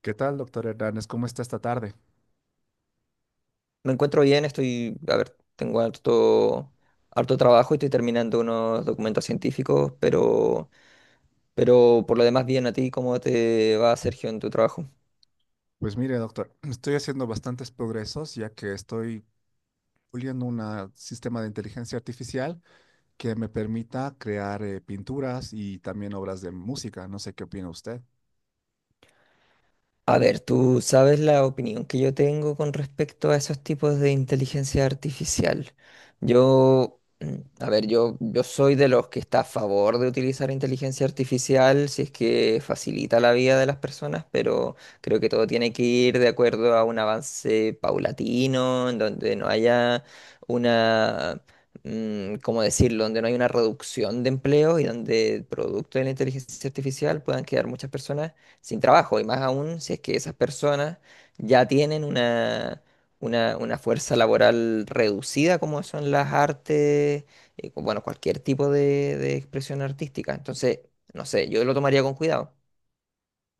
¿Qué tal, doctor Hernández? ¿Cómo está esta tarde? Me encuentro bien, estoy, a ver, tengo harto, harto trabajo y estoy terminando unos documentos científicos, pero por lo demás bien. A ti, ¿cómo te va, Sergio, en tu trabajo? Pues mire, doctor, estoy haciendo bastantes progresos ya que estoy puliendo un sistema de inteligencia artificial que me permita crear pinturas y también obras de música. No sé qué opina usted. A ver, tú sabes la opinión que yo tengo con respecto a esos tipos de inteligencia artificial. Yo, mm, a ver, yo soy de los que está a favor de utilizar inteligencia artificial si es que facilita la vida de las personas, pero creo que todo tiene que ir de acuerdo a un avance paulatino, en donde no haya una... ¿cómo decirlo? Donde no hay una reducción de empleo y donde producto de la inteligencia artificial puedan quedar muchas personas sin trabajo, y más aún si es que esas personas ya una fuerza laboral reducida como son las artes, bueno, cualquier tipo de expresión artística. Entonces, no sé, yo lo tomaría con cuidado.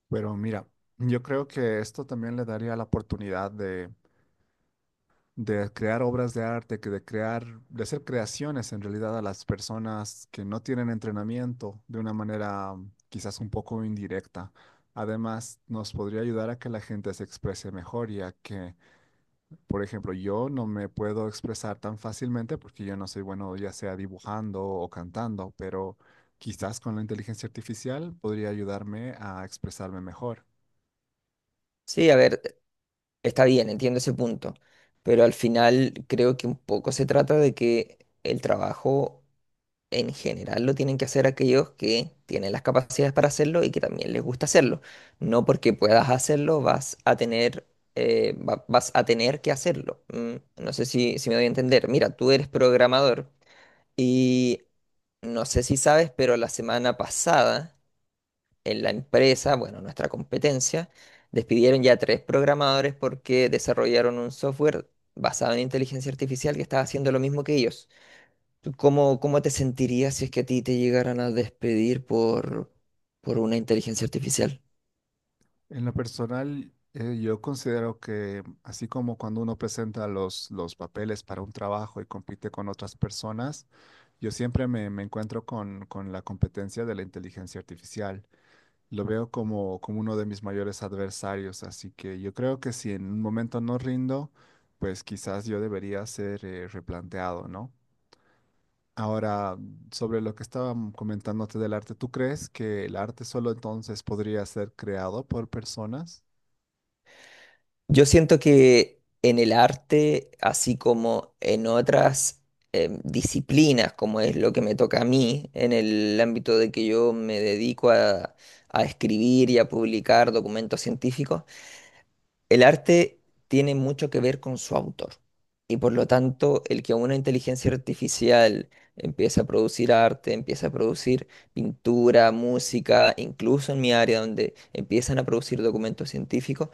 Pero mira, yo creo que esto también le daría la oportunidad de crear obras de arte, de hacer creaciones en realidad a las personas que no tienen entrenamiento de una manera quizás un poco indirecta. Además, nos podría ayudar a que la gente se exprese mejor, ya que, por ejemplo, yo no me puedo expresar tan fácilmente porque yo no soy bueno ya sea dibujando o cantando, pero quizás con la inteligencia artificial podría ayudarme a expresarme mejor. Sí, a ver, está bien, entiendo ese punto, pero al final creo que un poco se trata de que el trabajo en general lo tienen que hacer aquellos que tienen las capacidades para hacerlo y que también les gusta hacerlo. No porque puedas hacerlo vas a tener, vas a tener que hacerlo. No sé si me doy a entender. Mira, tú eres programador y no sé si sabes, pero la semana pasada en la empresa, bueno, nuestra competencia, despidieron ya tres programadores porque desarrollaron un software basado en inteligencia artificial que estaba haciendo lo mismo que ellos. ¿Tú cómo, cómo te sentirías si es que a ti te llegaran a despedir por una inteligencia artificial? En lo personal, yo considero que así como cuando uno presenta los papeles para un trabajo y compite con otras personas, yo siempre me encuentro con la competencia de la inteligencia artificial. Lo veo como uno de mis mayores adversarios, así que yo creo que si en un momento no rindo, pues quizás yo debería ser replanteado, ¿no? Ahora, sobre lo que estaba comentándote del arte, ¿tú crees que el arte solo entonces podría ser creado por personas? Yo siento que en el arte, así como en otras disciplinas, como es lo que me toca a mí, en el ámbito de que yo me dedico a escribir y a publicar documentos científicos, el arte tiene mucho que ver con su autor y por lo tanto el que una inteligencia artificial empiece a producir arte, empiece a producir pintura, música, incluso en mi área donde empiezan a producir documentos científicos,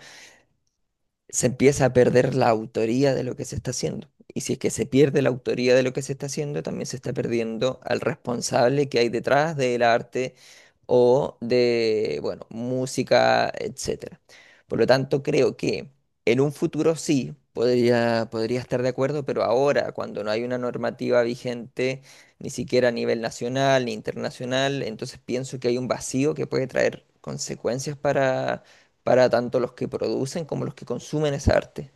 se empieza a perder la autoría de lo que se está haciendo. Y si es que se pierde la autoría de lo que se está haciendo, también se está perdiendo al responsable que hay detrás del arte o de, bueno, música, etcétera. Por lo tanto, creo que en un futuro sí podría estar de acuerdo, pero ahora, cuando no hay una normativa vigente, ni siquiera a nivel nacional ni internacional, entonces pienso que hay un vacío que puede traer consecuencias para tanto los que producen como los que consumen esa arte.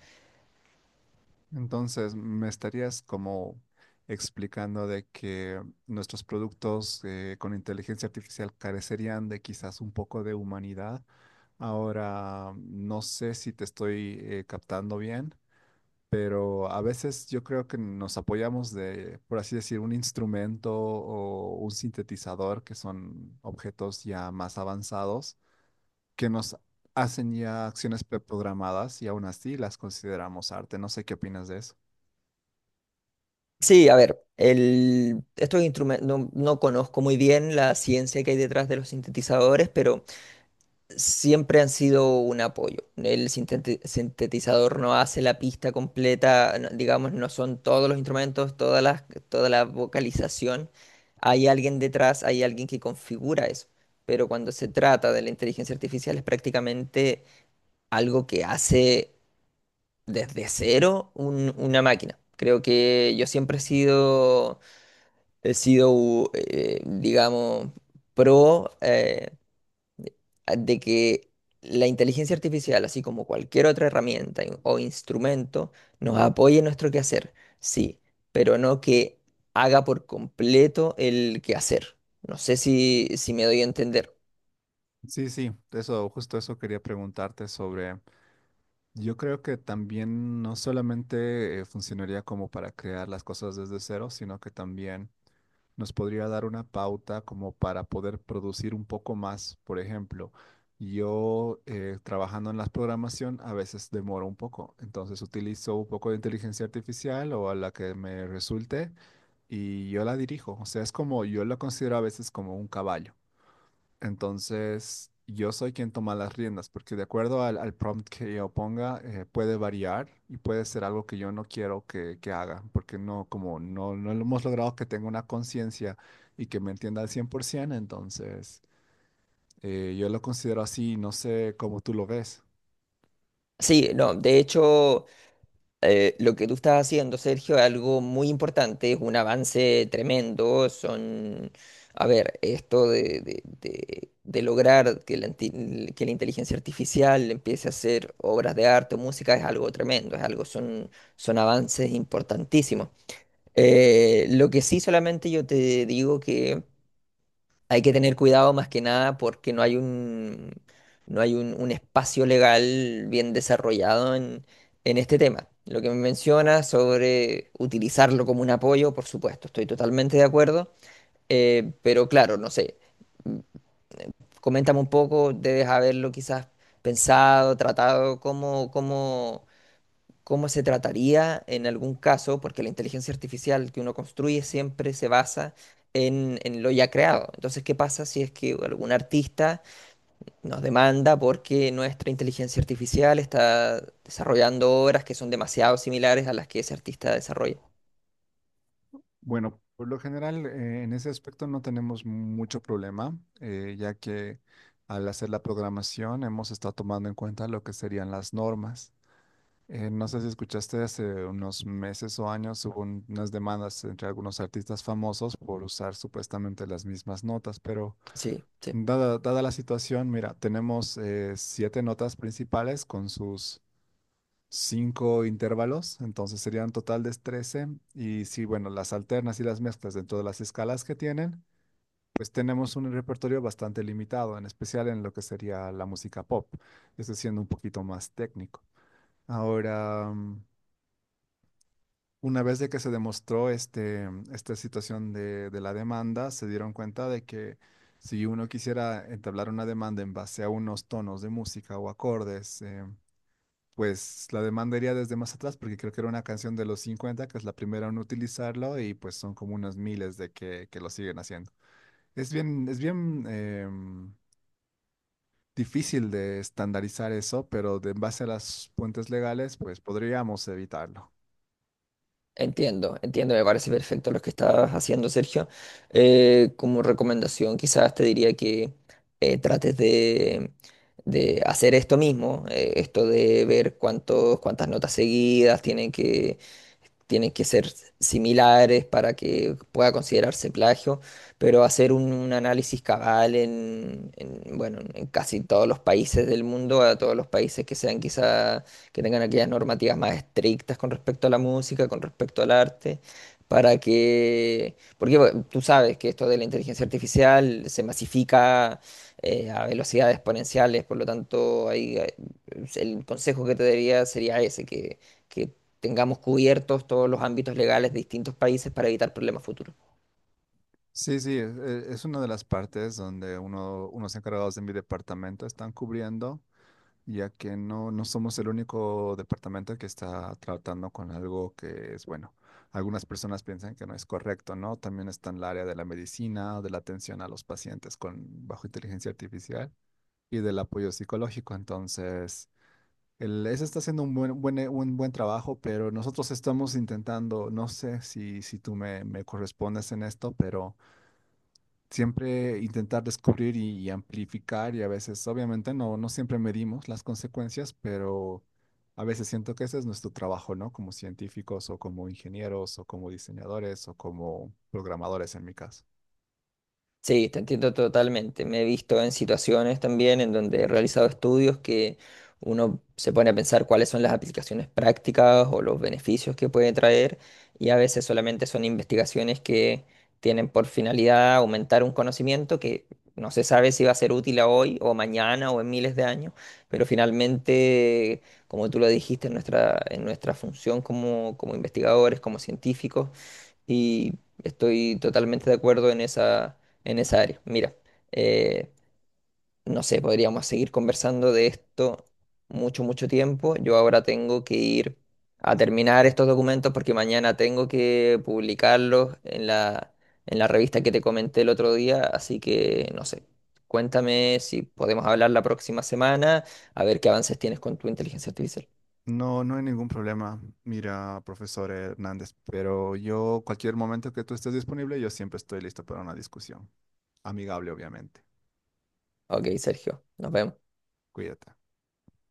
Entonces, me estarías como explicando de que nuestros productos con inteligencia artificial carecerían de quizás un poco de humanidad. Ahora, no sé si te estoy captando bien, pero a veces yo creo que nos apoyamos de, por así decir, un instrumento o un sintetizador, que son objetos ya más avanzados, que nos hacen ya acciones preprogramadas y aún así las consideramos arte. No sé qué opinas de eso. Sí, a ver, el, estos instrumentos, no conozco muy bien la ciencia que hay detrás de los sintetizadores, pero siempre han sido un apoyo. El sintetizador no hace la pista completa, no- digamos, no son todos los instrumentos, toda la vocalización. Hay alguien detrás, hay alguien que configura eso. Pero cuando se trata de la inteligencia artificial es prácticamente algo que hace desde cero una máquina. Creo que yo siempre he sido digamos, pro de que la inteligencia artificial, así como cualquier otra herramienta o instrumento, nos apoye en nuestro quehacer, sí, pero no que haga por completo el quehacer. No sé si me doy a entender. Sí, sí, eso, justo eso quería preguntarte sobre, yo creo que también no solamente funcionaría como para crear las cosas desde cero, sino que también nos podría dar una pauta como para poder producir un poco más. Por ejemplo, yo trabajando en la programación a veces demoro un poco, entonces utilizo un poco de inteligencia artificial o a la que me resulte y yo la dirijo. O sea, es como, yo la considero a veces como un caballo. Entonces, yo soy quien toma las riendas, porque de acuerdo al prompt que yo ponga, puede variar y puede ser algo que yo no quiero que haga, porque no, como no, no lo hemos logrado que tenga una conciencia y que me entienda al 100%, entonces yo lo considero así, no sé cómo tú lo ves. Sí, no, de hecho... lo que tú estás haciendo, Sergio, es algo muy importante, es un avance tremendo. Son, a ver, esto de lograr que que la inteligencia artificial empiece a hacer obras de arte o música es algo tremendo, es algo, son, son avances importantísimos. Lo que sí solamente yo te digo que hay que tener cuidado más que nada porque no hay no hay un espacio legal bien desarrollado en este tema. Lo que me menciona sobre utilizarlo como un apoyo, por supuesto, estoy totalmente de acuerdo. Pero claro, no sé, coméntame un poco, debes haberlo quizás pensado, tratado, cómo se trataría en algún caso, porque la inteligencia artificial que uno construye siempre se basa en lo ya creado. Entonces, ¿qué pasa si es que algún artista nos demanda porque nuestra inteligencia artificial está desarrollando obras que son demasiado similares a las que ese artista desarrolla? Bueno, por lo general, en ese aspecto no tenemos mucho problema, ya que al hacer la programación hemos estado tomando en cuenta lo que serían las normas. No sé si escuchaste hace unos meses o años hubo unas demandas entre algunos artistas famosos por usar supuestamente las mismas notas, pero Sí, sí. dada la situación, mira, tenemos siete notas principales con sus cinco intervalos, entonces serían un total de 13, y si, bueno, las alternas y las mezclas dentro de las escalas que tienen, pues tenemos un repertorio bastante limitado, en especial en lo que sería la música pop, esto siendo un poquito más técnico. Ahora, una vez de que se demostró esta situación de la demanda, se dieron cuenta de que si uno quisiera entablar una demanda en base a unos tonos de música o acordes, pues la demanda iría desde más atrás, porque creo que era una canción de los 50 que es la primera en utilizarlo, y pues son como unos miles de que lo siguen haciendo. Es bien, difícil de estandarizar eso, pero en base a las fuentes legales, pues podríamos evitarlo. Entiendo, entiendo, me parece perfecto lo que estás haciendo, Sergio. Como recomendación, quizás te diría que eh, trates de, de hacer esto mismo, esto de ver cuántos, cuántas notas seguidas tienen que ser similares para que pueda considerarse plagio, pero hacer un análisis cabal bueno, en casi todos los países del mundo, a todos los países que sean quizá, que tengan aquellas normativas más estrictas con respecto a la música, con respecto al arte. Para que, porque bueno, tú sabes que esto de la inteligencia artificial se masifica a velocidades exponenciales, por lo tanto, ahí, el consejo que te daría sería ese, que tengamos cubiertos todos los ámbitos legales de distintos países para evitar problemas futuros. Sí, sí, es una de las partes donde unos encargados de mi departamento están cubriendo, ya que no, no somos el único departamento que está tratando con algo que es bueno. Algunas personas piensan que no es correcto, ¿no? También está en el área de la medicina, de la atención a los pacientes con bajo inteligencia artificial y del apoyo psicológico. Entonces, ese está haciendo un buen trabajo, pero nosotros estamos intentando, no sé si, si tú me correspondes en esto, pero siempre intentar descubrir y amplificar y a veces, obviamente, no, no siempre medimos las consecuencias, pero a veces siento que ese es nuestro trabajo, ¿no? Como científicos o como ingenieros o como diseñadores o como programadores en mi caso. Sí, te entiendo totalmente. Me he visto en situaciones también en donde he realizado estudios que uno se pone a pensar cuáles son las aplicaciones prácticas o los beneficios que puede traer y a veces solamente son investigaciones que tienen por finalidad aumentar un conocimiento que no se sabe si va a ser útil a hoy o mañana o en miles de años, pero finalmente, como tú lo dijiste, en en nuestra función como investigadores, como científicos, y estoy totalmente de acuerdo en en esa área. Mira, eh, no sé, podríamos seguir conversando de esto mucho, mucho tiempo. Yo ahora tengo que ir a terminar estos documentos porque mañana tengo que publicarlos en en la revista que te comenté el otro día. Así que, no sé, cuéntame si podemos hablar la próxima semana, a ver qué avances tienes con tu inteligencia artificial. No, no hay ningún problema. Mira, profesor Hernández, pero yo, cualquier momento que tú estés disponible, yo siempre estoy listo para una discusión. Amigable, obviamente. Ok, Sergio, nos vemos. Cuídate.